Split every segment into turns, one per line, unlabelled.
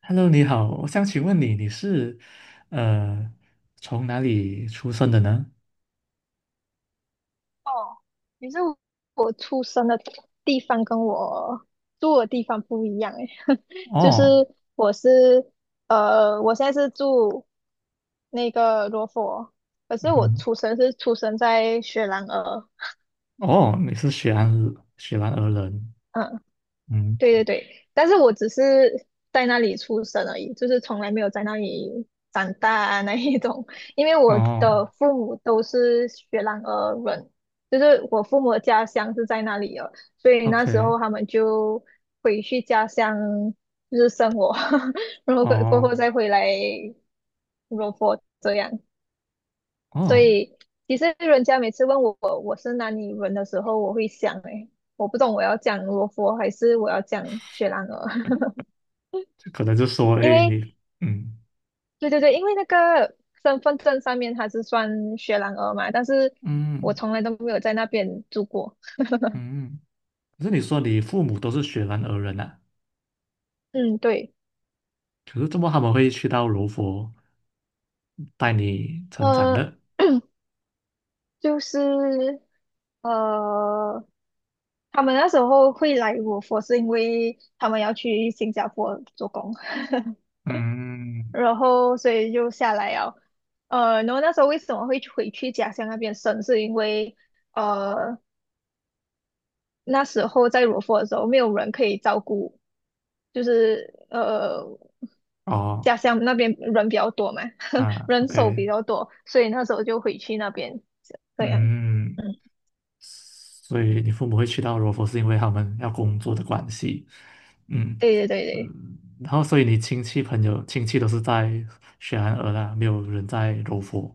Hello，你好，我想请问你，你是呃从哪里出生的呢？
哦，你是我出生的地方跟我住的地方不一样诶，就是
哦，
我是我现在是住那个罗佛，可是我
嗯，
出生是出生在雪兰莪，
哦，你是雪兰莪人，
嗯，
嗯，
对对对，但是我只是在那里出生而已，就是从来没有在那里长大啊 那一种。因为我
哦
的父母都是雪兰莪人，就是我父母的家乡是在那里的，所以那时
，OK，
候他们就回去家乡就是生活，然后过后
哦
再回来罗佛这样。所
哦，
以其实人家每次问我我是哪里人的时候，我会想诶，我不懂我要讲罗佛还是我要讲雪兰莪。
这可能就说，
因
哎，
为
你，嗯
对对对，因为那个身份证上面它是算雪兰莪嘛，但是我
嗯
从来都没有在那边住过。
嗯，可是你说你父母都是雪兰莪人啊，
嗯，对，
可是怎么他们会去到柔佛带你成长
呃，
的？
就是呃，他们那时候会来我佛是因为他们要去新加坡做工，
嗯，
然后所以就下来了。然后那时候为什么会回去家乡那边生，是因为呃那时候在柔佛的时候，没有人可以照顾，就是
哦，
家乡那边人比较多嘛，
啊
人手
，OK，
比较多，所以那时候就回去那边这样。
嗯。
嗯，
所以你父母会去到柔佛，是因为他们要工作的关系，嗯
对对对对，
嗯，然后所以你亲戚朋友亲戚都是在雪兰莪啦，没有人在柔佛，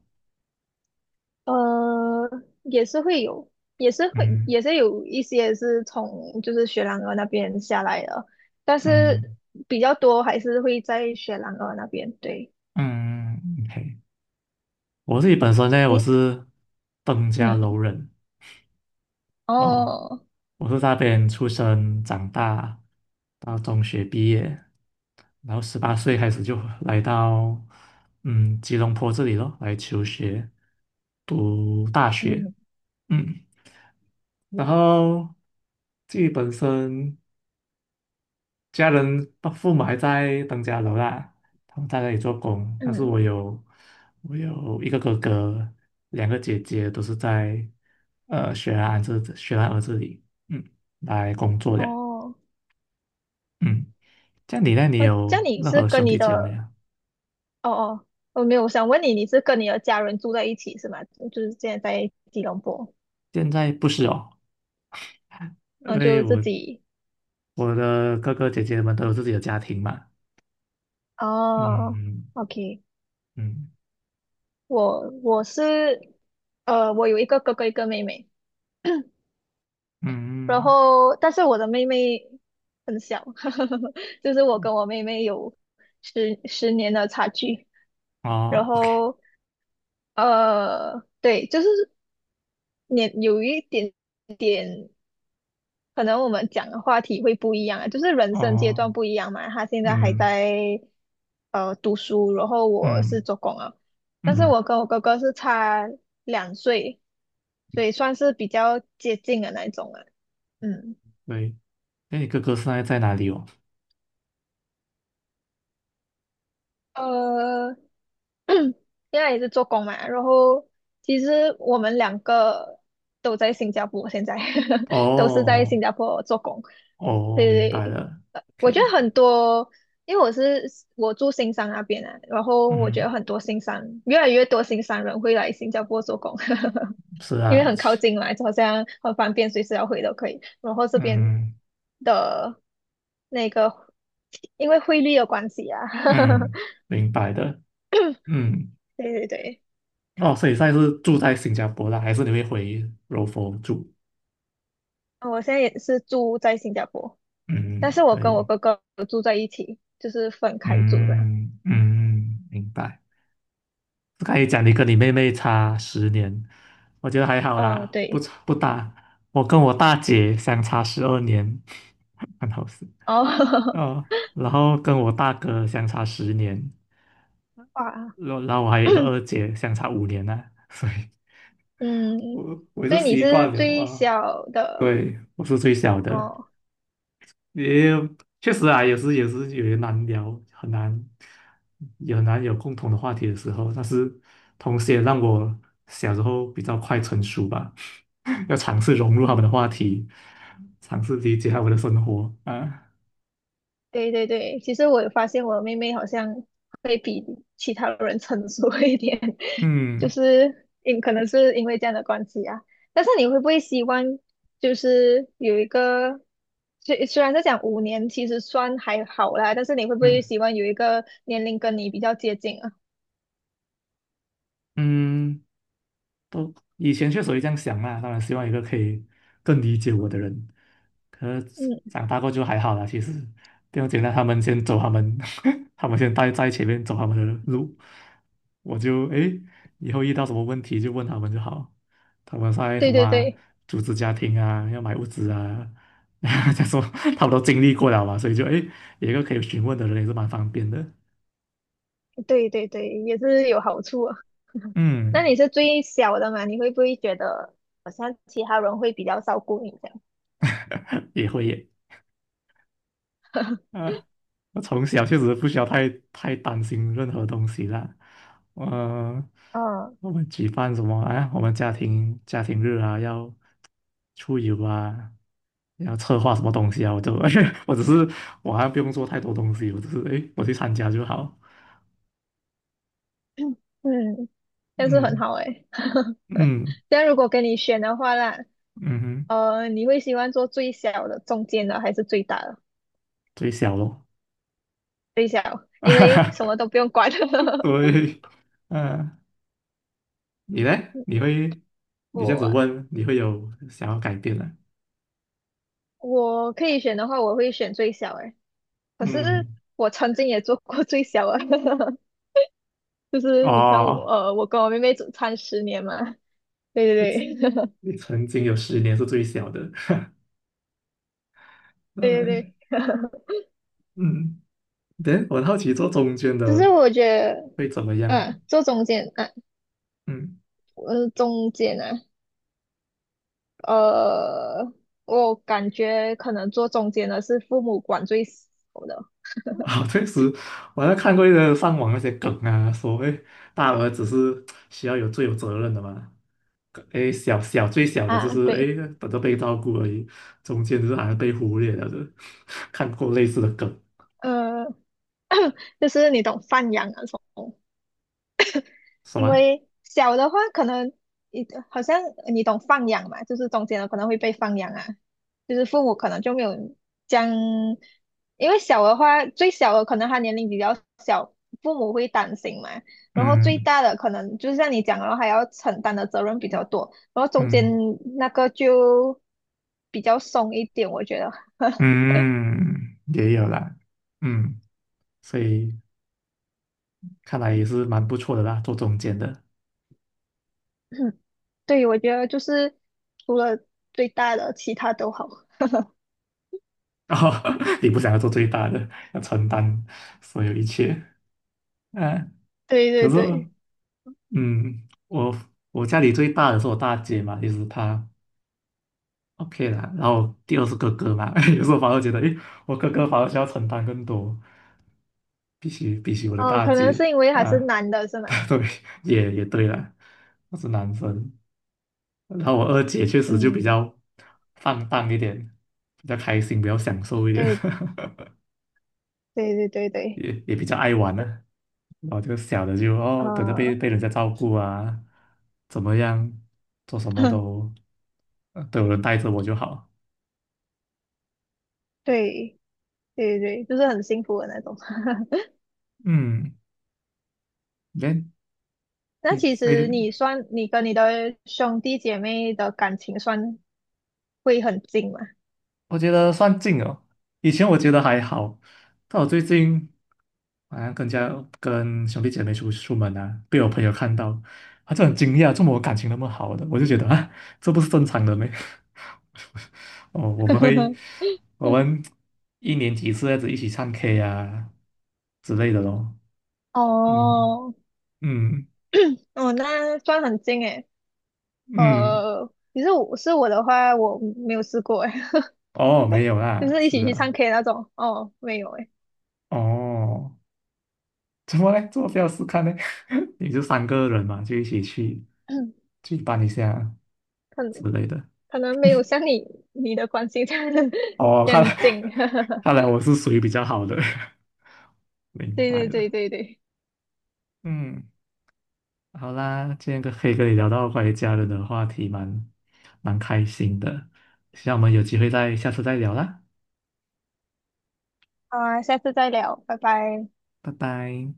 呃，也是会有，
嗯
也是有一些是从就是雪兰莪那边下来的，但
嗯
是比较多还是会在雪兰莪那边。对，
嗯，OK，我自己本身呢，我
诶，
是登家楼
嗯，
人哦，
哦，
我是在那边出生长大，到中学毕业，然后18岁开始就来到吉隆坡这里咯，来求学，读大学，
嗯，
嗯，然后自己本身家人爸父母还在登嘉楼啦，他们在那里做工，但是
嗯，
我有一个哥哥，两个姐姐都是在雪兰莪这里，嗯，来工作的。
哦，
嗯。这样你那里
呃，这
有
样你
任
是
何
跟
兄
你
弟姐妹
的
啊？
哦哦，我没有，我想问你，你是跟你的家人住在一起是吗？就是现在在吉隆坡，
现在不是哦，因
嗯，
为
就自
我
己。
我的哥哥姐姐们都有自己的家庭嘛。嗯
哦
嗯
，OK，
嗯，
我是，我有一个哥哥，一个妹妹，然
嗯，
后但是我的妹妹很小，就是我跟我妹妹有十年的差距，然
哦，OK，
后对，就是年有一点点。可能我们讲的话题会不一样啊，就是人生阶段
哦，
不一样嘛。他现在还
嗯
在读书，然后我是
嗯
做工啊，但是
嗯，
我跟我哥哥是差2岁，所以算是比较接近的那一种啊。嗯，
对。那你哥哥现在在哪里哦？
呃，现在也是做工嘛，然后其实我们两个都在新加坡，现在 都是在
哦
新加坡做工。
哦，
对
明
对
白
对，
了。OK
我觉得
OK，
很多，因为我住新山那边啊，然后我觉
嗯，
得很多新山越来越多新山人会来新加坡做工，
是
因为
啊，
很靠近嘛，就好像很方便，随时要回都可以。然后这边
嗯
的那个因为汇率的关系啊，
嗯，明白的。嗯，
对对对。
哦，所以现在是住在新加坡啦，还是你会回柔佛住？
我现在也是住在新加坡，但
嗯，
是我
可
跟我
以。
哥哥有住在一起，就是分开住的。
嗯嗯，明白。我刚才讲你跟你妹妹差十年，我觉得还好
嗯，
啦，不
对。
差不大。我跟我大姐相差12年，很好笑。
哦，
哦，然后跟我大哥相差十年，
哇，
然后我还有一个 二姐相差5年呢、所以
嗯，
我就
所以你
习
是
惯了
最
哇。
小的
对，我是最小的，
哦。
也确实啊，也是有些难聊，很难，也很难有共同的话题的时候。但是，同时也让我小时候比较快成熟吧，要尝试融入他们的
嗯。
话题，尝试理解他们的生活啊。
对对对，其实我有发现我妹妹好像会比其他人成熟一点，就
嗯
是因可能是因为这样的关系啊。但是你会不会希望就是有一个，虽然是讲5年，其实算还好啦，但是你会不会
嗯
希望有一个年龄跟你比较接近啊？
嗯，都以前确实会这样想啦，当然希望有一个可以更理解我的人。可是
嗯，
长大过就还好啦，其实不用紧单。他们先走他们，他们先待在前面走他们的路，我就诶以后遇到什么问题就问他们就好。他们在
对
什么
对
啊
对
组织家庭啊，要买物资啊，这样说他们都经历过了嘛，所以就诶有一个可以询问的人也是蛮方便的。
对对对，也是有好处啊。那
嗯，
你是最小的嘛？你会不会觉得好像其他人会比较照顾你这样？
也会耶。呃，我从小确实不需要太担心任何东西啦。嗯，
嗯。
我们举办什么啊？我们家庭日啊，要出游啊，要策划什么东西啊？我就 我只是我还不用做太多东西，我只是诶，我去参加就好。
嗯，但是很
嗯
好诶。欸
嗯
但如果跟你选的话啦，
嗯哼，
你会喜欢做最小的、中间的还是最大的？
最小咯。
最小，因为什么都不用管。
对，嗯、你呢？你会你这样
我
子
啊
问，你会有想要改变的？
我可以选的话，我会选最小诶。欸可是
嗯，
我曾经也做过最小啊，就是你看我，
哦。
我跟我妹妹只差十年嘛。对对对，
你曾经有十年是最小的，
对对
嗯
对。
嗯，对，我很好奇做中间
只是
的
我觉得，
会怎么样？
做中间，啊，
嗯，
我是中间啊，呃，我感觉可能做中间的是父母管最少的
好，确实，我还看过一个上网那些梗啊，所谓大儿子是需要有最有责任的嘛，诶，最小的就
啊，
是
对，
诶等着被照顾而已，中间就是好像被忽略了的，看过类似的梗，
呃，就是你懂放养啊什么。
什
因
么？
为小的话可能你好像你懂放养嘛，就是中间的可能会被放养啊，就是父母可能就没有将，因为小的话最小的可能他年龄比较小，父母会担心嘛，然后最
嗯
大的可能就是像你讲的，然后还要承担的责任比较多，然后中间
嗯
那个就比较松一点，我觉得，
嗯，也有啦，嗯，所以看来也是蛮不错的啦，做中间的。
对，我觉得就是除了最大的，其他都好。
然后 你不想要做最大的，要承担所有一切啊。
对
可
对
是，
对，
嗯，我家里最大的是我大姐嘛，其是她 OK 啦。然后第二是哥哥嘛，有时候反而觉得，诶，我哥哥反而需要承担更多，比起我的
哦，
大
可能
姐
是因为还是
啊，
男的是吗？
对，也对啦，我是男生。然后我二姐确实就比
嗯，
较放荡一点，比较开心，比较享受一点。
对 对对对对，
也比较爱玩呢、然后这个小的就哦，等着被
呃，
被人家照顾啊，怎么样，做什么都都有人带着我就好。
对对对，就是很幸福的那种。
嗯，那
那
你
其
所
实
以
你算，你跟你的兄弟姐妹的感情算会很近吗？
我觉得算近哦，以前我觉得还好，但我最近好像跟兄弟姐妹出门啊，被我朋友看到，他就很惊讶，怎么我感情那么好的？我就觉得啊，这不是正常的咩？哦，我们一年几次这样子一起唱 K 啊之类的咯。嗯
哦，
嗯
哦，那算很近诶。
嗯，
呃，其实我的话，我没有试过诶，
哦，没 有
就
啦，
是一起
是
去
啊，
唱 K 那种，哦，没有诶，
哦。怎么嘞？做要试看呢？你就三个人嘛，就一起去 搬一下
可能
之类的。
可能没有像你的关系这样
哦，
这
看
样
来
近。
看来我是属于比较好的，明
对
白
对对
了。
对对。
嗯，好啦，今天可以跟你聊到关于家人的话题蛮开心的，希望我们有机会再下次再聊啦，
好啊，下次再聊，拜拜。
拜拜。